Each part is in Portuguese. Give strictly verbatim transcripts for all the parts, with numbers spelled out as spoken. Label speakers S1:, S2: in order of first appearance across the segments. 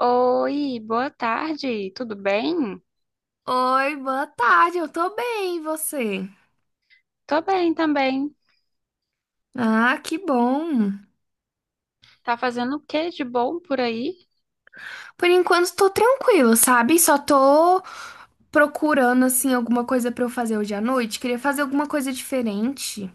S1: Oi, boa tarde, tudo bem?
S2: Oi, boa tarde, eu tô bem, e você?
S1: Tô bem também.
S2: Ah, que bom.
S1: Tá fazendo o que de bom por aí?
S2: Por enquanto tô tranquila, sabe? Só tô procurando assim alguma coisa pra eu fazer hoje à noite. Queria fazer alguma coisa diferente.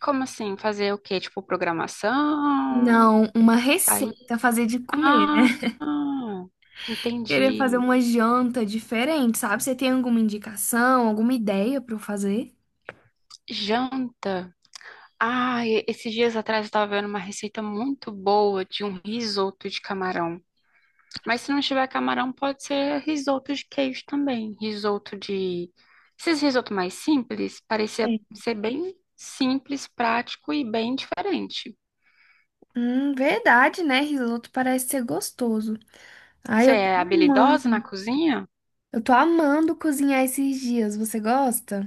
S1: Como assim? Fazer o que? Tipo, programação?
S2: Não, uma
S1: Aí.
S2: receita, fazer de comer,
S1: Ah,
S2: né?
S1: ah,
S2: Queria fazer
S1: entendi.
S2: uma janta diferente, sabe? Você tem alguma indicação, alguma ideia pra eu fazer?
S1: Janta. Ah, e- esses dias atrás eu tava vendo uma receita muito boa de um risoto de camarão. Mas se não tiver camarão, pode ser risoto de queijo também. Risoto de. Esses risoto mais simples, parecia
S2: Sim.
S1: ser bem simples, prático e bem diferente.
S2: Hum, verdade, né? Risoto parece ser gostoso. Ai,
S1: Você
S2: eu tô
S1: é habilidosa na
S2: amando.
S1: cozinha?
S2: Eu tô amando cozinhar esses dias. Você gosta?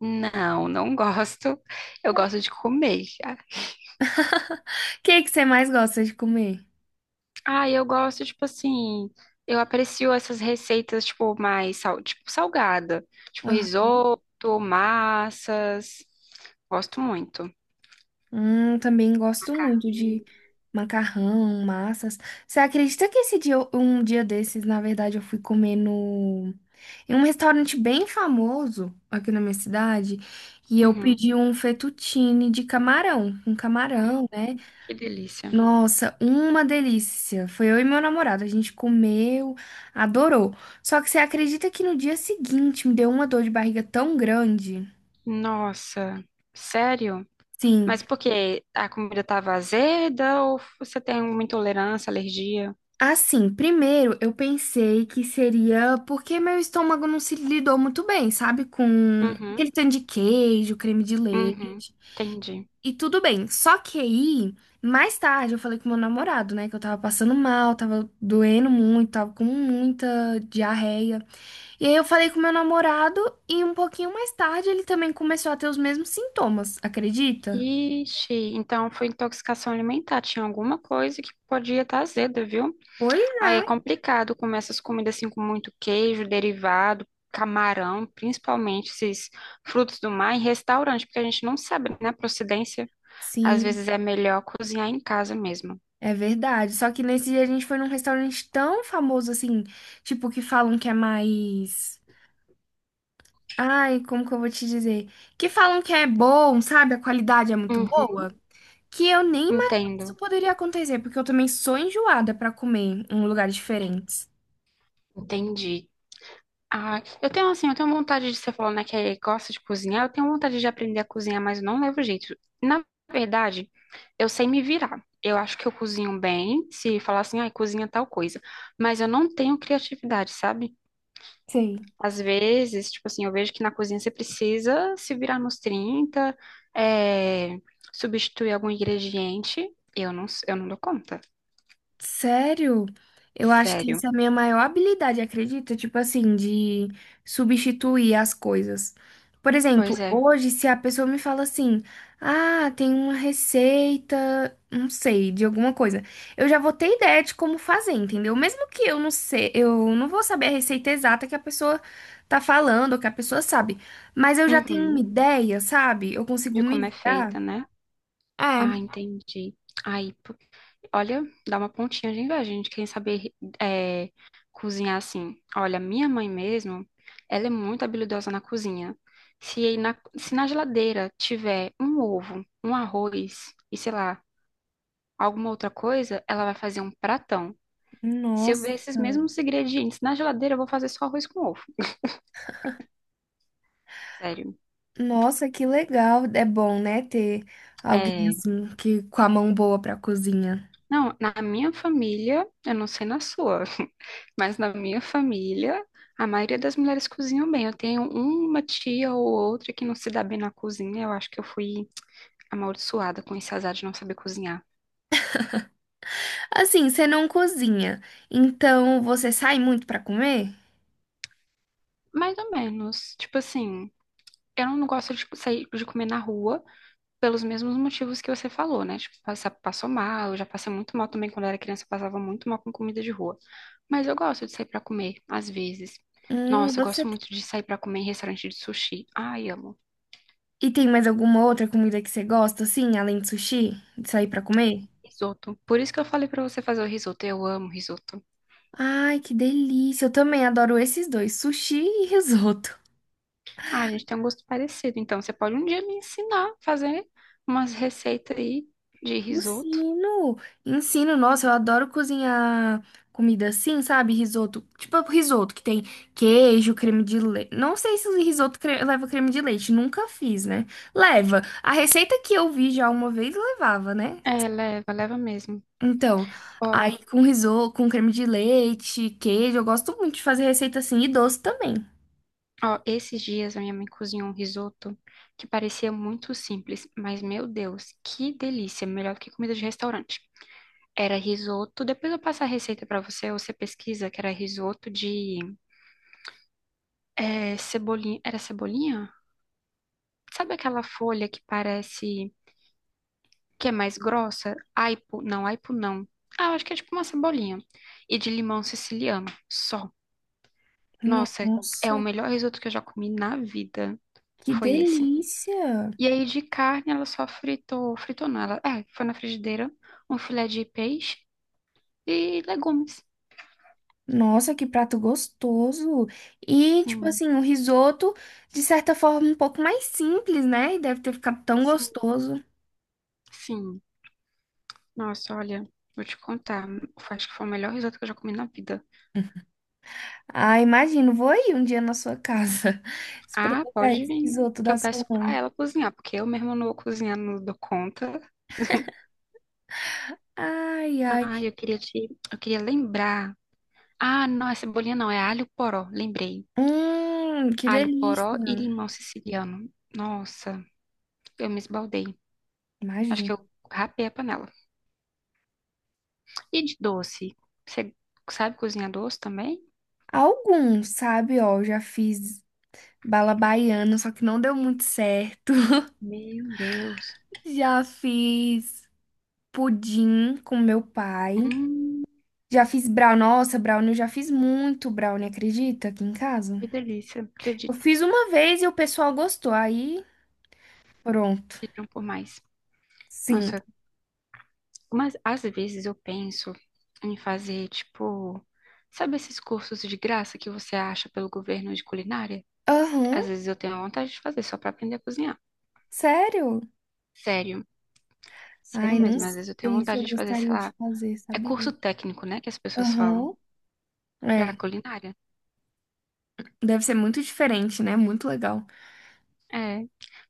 S1: Não, não gosto. Eu gosto de comer.
S2: O que que você mais gosta de comer?
S1: Ah, eu gosto, tipo assim. Eu aprecio essas receitas, tipo, mais sal... tipo, salgada. Tipo,
S2: Ah,
S1: risoto, massas. Gosto muito.
S2: hum, também gosto muito de macarrão, massas. Você acredita que esse dia, eu- um dia desses, na verdade, eu fui comer no em um restaurante bem famoso aqui na minha cidade e eu
S1: Uhum.
S2: pedi um fettuccine de camarão, um
S1: Hum,
S2: camarão, né?
S1: que delícia.
S2: Nossa, uma delícia. Foi eu e meu namorado, a gente comeu, adorou. Só que você acredita que no dia seguinte me deu uma dor de barriga tão grande?
S1: Nossa, sério?
S2: Sim.
S1: Mas por quê? A comida estava azeda ou você tem uma intolerância, alergia?
S2: Assim, primeiro eu pensei que seria porque meu estômago não se lidou muito bem, sabe? Com
S1: Uhum,
S2: aquele tanto de queijo, creme de
S1: uhum,
S2: leite
S1: entendi.
S2: e tudo bem. Só que aí, mais tarde, eu falei com meu namorado, né? Que eu tava passando mal, tava doendo muito, tava com muita diarreia. E aí eu falei com meu namorado e um pouquinho mais tarde ele também começou a ter os mesmos sintomas, acredita?
S1: Ixi, então foi intoxicação alimentar. Tinha alguma coisa que podia estar azeda, viu?
S2: Pois
S1: Aí
S2: é.
S1: é complicado comer essas comidas assim com muito queijo, derivado, camarão, principalmente esses frutos do mar em restaurante, porque a gente não sabe, né, a procedência. Às
S2: Sim.
S1: vezes é melhor cozinhar em casa mesmo.
S2: É verdade. Só que nesse dia a gente foi num restaurante tão famoso assim, tipo, que falam que é mais. Ai, como que eu vou te dizer? Que falam que é bom, sabe? A qualidade é muito
S1: Uhum,
S2: boa. Que eu nem imaginei que isso
S1: entendo.
S2: poderia acontecer, porque eu também sou enjoada pra comer em lugares diferentes.
S1: Entendi. Ah, eu tenho assim, eu tenho vontade de você falou, né, que gosta de cozinhar, eu tenho vontade de aprender a cozinhar, mas eu não levo jeito. Na verdade, eu sei me virar. Eu acho que eu cozinho bem, se falar assim, ai, cozinha tal coisa, mas eu não tenho criatividade, sabe?
S2: Sei.
S1: Às vezes, tipo assim, eu vejo que na cozinha você precisa se virar nos trinta, é, substituir algum ingrediente, eu não, eu não dou conta.
S2: Sério? Eu acho que
S1: Sério.
S2: essa é a minha maior habilidade, acredita? Tipo assim, de substituir as coisas. Por
S1: Pois
S2: exemplo,
S1: é.
S2: hoje, se a pessoa me fala assim, ah, tem uma receita, não sei, de alguma coisa, eu já vou ter ideia de como fazer, entendeu? Mesmo que eu não sei, eu não vou saber a receita exata que a pessoa tá falando, ou que a pessoa sabe, mas eu já tenho uma
S1: Uhum.
S2: ideia, sabe? Eu consigo
S1: De
S2: me
S1: como é
S2: virar.
S1: feita, né?
S2: É,
S1: Ah, entendi. Aí, olha, dá uma pontinha de inveja, gente, quem saber é, cozinhar assim. Olha, minha mãe mesmo, ela é muito habilidosa na cozinha. Se aí na, se na geladeira tiver um ovo, um arroz e sei lá, alguma outra coisa, ela vai fazer um pratão. Se eu
S2: nossa.
S1: ver esses mesmos ingredientes na geladeira, eu vou fazer só arroz com ovo. Sério.
S2: Nossa, que legal. É bom, né, ter alguém
S1: É,
S2: assim que com a mão boa pra cozinha.
S1: não, na minha família, eu não sei na sua. Mas na minha família, a maioria das mulheres cozinham bem. Eu tenho uma tia ou outra que não se dá bem na cozinha. Eu acho que eu fui amaldiçoada com esse azar de não saber cozinhar.
S2: Assim, você não cozinha, então você sai muito pra comer?
S1: Mais ou menos. Tipo assim, eu não gosto de sair de comer na rua pelos mesmos motivos que você falou, né? Tipo, passa- passou mal, eu já passei muito mal também quando eu era criança, eu passava muito mal com comida de rua. Mas eu gosto de sair pra comer, às vezes.
S2: Hum,
S1: Nossa, eu gosto
S2: você
S1: muito de sair pra comer em restaurante de sushi. Ai, amo.
S2: e tem mais alguma outra comida que você gosta assim, além de sushi, de sair pra comer?
S1: Risoto. Por isso que eu falei pra você fazer o risoto. Eu amo risoto.
S2: Ai, que delícia. Eu também adoro esses dois, sushi e risoto.
S1: Ah, a gente tem um gosto parecido. Então, você pode um dia me ensinar a fazer umas receitas aí de risoto.
S2: Ensino, ensino, nossa, eu adoro cozinhar comida assim, sabe? Risoto, tipo risoto que tem queijo, creme de leite. Não sei se o risoto cre- leva creme de leite, nunca fiz, né? Leva. A receita que eu vi já uma vez levava, né?
S1: É, leva, leva mesmo.
S2: Então,
S1: Ó,
S2: aí com risoto, com creme de leite, queijo, eu gosto muito de fazer receita assim e doce também.
S1: ó, esses dias a minha mãe cozinhou um risoto que parecia muito simples, mas meu Deus, que delícia! Melhor que comida de restaurante. Era risoto. Depois eu passo a receita pra você, ou você pesquisa que era risoto de é, cebolinha. Era cebolinha? Sabe aquela folha que parece que é mais grossa, aipo, não, aipo não. Ah, eu acho que é tipo uma cebolinha. E de limão siciliano, só. Nossa, é o
S2: Nossa,
S1: melhor risoto que eu já comi na vida.
S2: que
S1: Foi esse.
S2: delícia!
S1: E aí de carne ela só fritou, fritou não, ela, é, foi na frigideira, um filé de peixe e legumes.
S2: Nossa, que prato gostoso! E, tipo
S1: Sim,
S2: assim, o risoto, de certa forma, um pouco mais simples, né? E deve ter ficado tão
S1: sim,
S2: gostoso.
S1: sim. Nossa, olha, vou te contar, acho que foi o melhor risoto que eu já comi na vida.
S2: Ah, imagino, vou ir um dia na sua casa
S1: Ah,
S2: experimentar
S1: pode
S2: esse
S1: vir,
S2: risoto
S1: que
S2: da
S1: eu
S2: sua
S1: peço pra
S2: mãe.
S1: ela cozinhar, porque eu mesma não vou cozinhar, não dou conta.
S2: Ai, ai.
S1: Ah, eu queria te, eu queria lembrar. Ah, não, é cebolinha não, é alho poró, lembrei.
S2: Hum, que
S1: Alho poró e
S2: delícia!
S1: limão siciliano. Nossa, eu me esbaldei. Acho
S2: Imagino.
S1: que eu rapei a panela. E de doce? Você sabe cozinhar doce também?
S2: Alguns, sabe, ó, eu já fiz bala baiana, só que não deu muito certo.
S1: Meu Deus.
S2: Já fiz pudim com meu pai.
S1: Hum,
S2: Já fiz brownie. Nossa, brownie, eu já fiz muito brownie, acredita? Aqui em casa.
S1: que delícia.
S2: Eu
S1: Acredito,
S2: fiz uma vez e o pessoal gostou. Aí, pronto.
S1: pediram por mais.
S2: Sim.
S1: Nossa, mas às vezes eu penso em fazer, tipo, sabe esses cursos de graça que você acha pelo governo de culinária?
S2: Aham.
S1: Às vezes eu tenho vontade de fazer só pra aprender a cozinhar.
S2: Sério?
S1: Sério, sério
S2: Ai, não
S1: mesmo. Às vezes eu tenho
S2: sei se eu
S1: vontade de fazer, sei
S2: gostaria de
S1: lá,
S2: fazer,
S1: é curso
S2: sabia?
S1: técnico, né, que as pessoas falam
S2: Aham. É.
S1: para culinária.
S2: Deve ser muito diferente, né? Muito legal.
S1: É,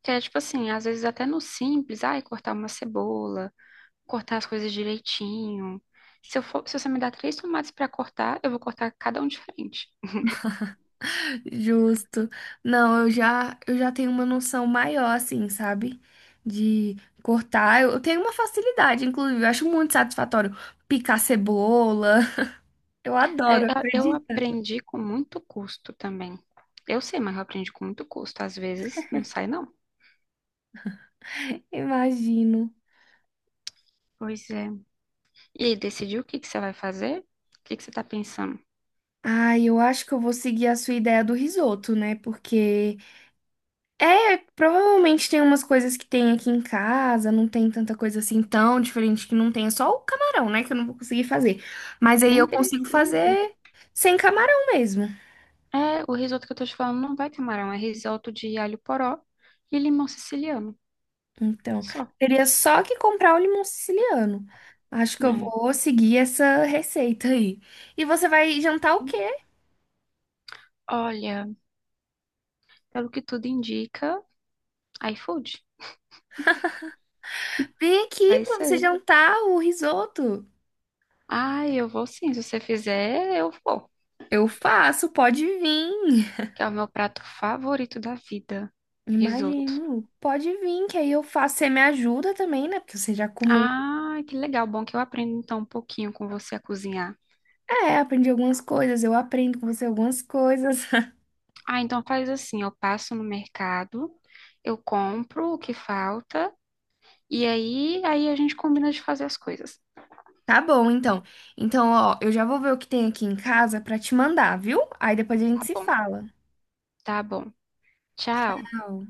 S1: que é tipo assim, às vezes até no simples, ai, cortar uma cebola, cortar as coisas direitinho. Se eu for, se você me dar três tomates pra cortar, eu vou cortar cada um diferente.
S2: Justo. Não, eu já, eu já tenho uma noção maior, assim, sabe? De cortar. Eu, eu tenho uma facilidade, inclusive. Eu acho muito satisfatório picar cebola. Eu
S1: É, Eu,
S2: adoro,
S1: eu
S2: acredita?
S1: aprendi com muito custo também. Eu sei, mas eu aprendi com muito custo. Às vezes não sai, não.
S2: Imagino.
S1: Pois é. E aí, decidiu o que que você vai fazer? O que que você tá pensando?
S2: Ah, eu acho que eu vou seguir a sua ideia do risoto, né? Porque é, provavelmente tem umas coisas que tem aqui em casa, não tem tanta coisa assim tão diferente que não tenha, só o camarão, né? Que eu não vou conseguir fazer. Mas aí eu
S1: Nem
S2: consigo
S1: precisa.
S2: fazer sem camarão mesmo.
S1: É, o risoto que eu tô te falando não vai ter camarão, é risoto de alho poró e limão siciliano.
S2: Então,
S1: Só.
S2: teria só que comprar o limão siciliano. Acho que eu
S1: É.
S2: vou seguir essa receita aí. E você vai jantar o quê?
S1: Olha, pelo que tudo indica, iFood.
S2: Vem aqui
S1: Vai
S2: pra você
S1: ser.
S2: jantar o risoto.
S1: Ah, eu vou sim. Se você fizer, eu vou.
S2: Eu faço, pode vir.
S1: Que é o meu prato favorito da vida. Risoto.
S2: Imagino. Pode vir, que aí eu faço. Você me ajuda também, né? Porque você já comeu.
S1: Ah, que legal. Bom que eu aprendo então um pouquinho com você a cozinhar.
S2: É, aprendi algumas coisas, eu aprendo com você algumas coisas.
S1: Ah, então faz assim, eu passo no mercado, eu compro o que falta. E aí, aí a gente combina de fazer as coisas.
S2: Tá bom, então. Então, ó, eu já vou ver o que tem aqui em casa pra te mandar, viu? Aí depois a
S1: Tá
S2: gente se
S1: bom,
S2: fala.
S1: tá bom. Tchau.
S2: Tchau.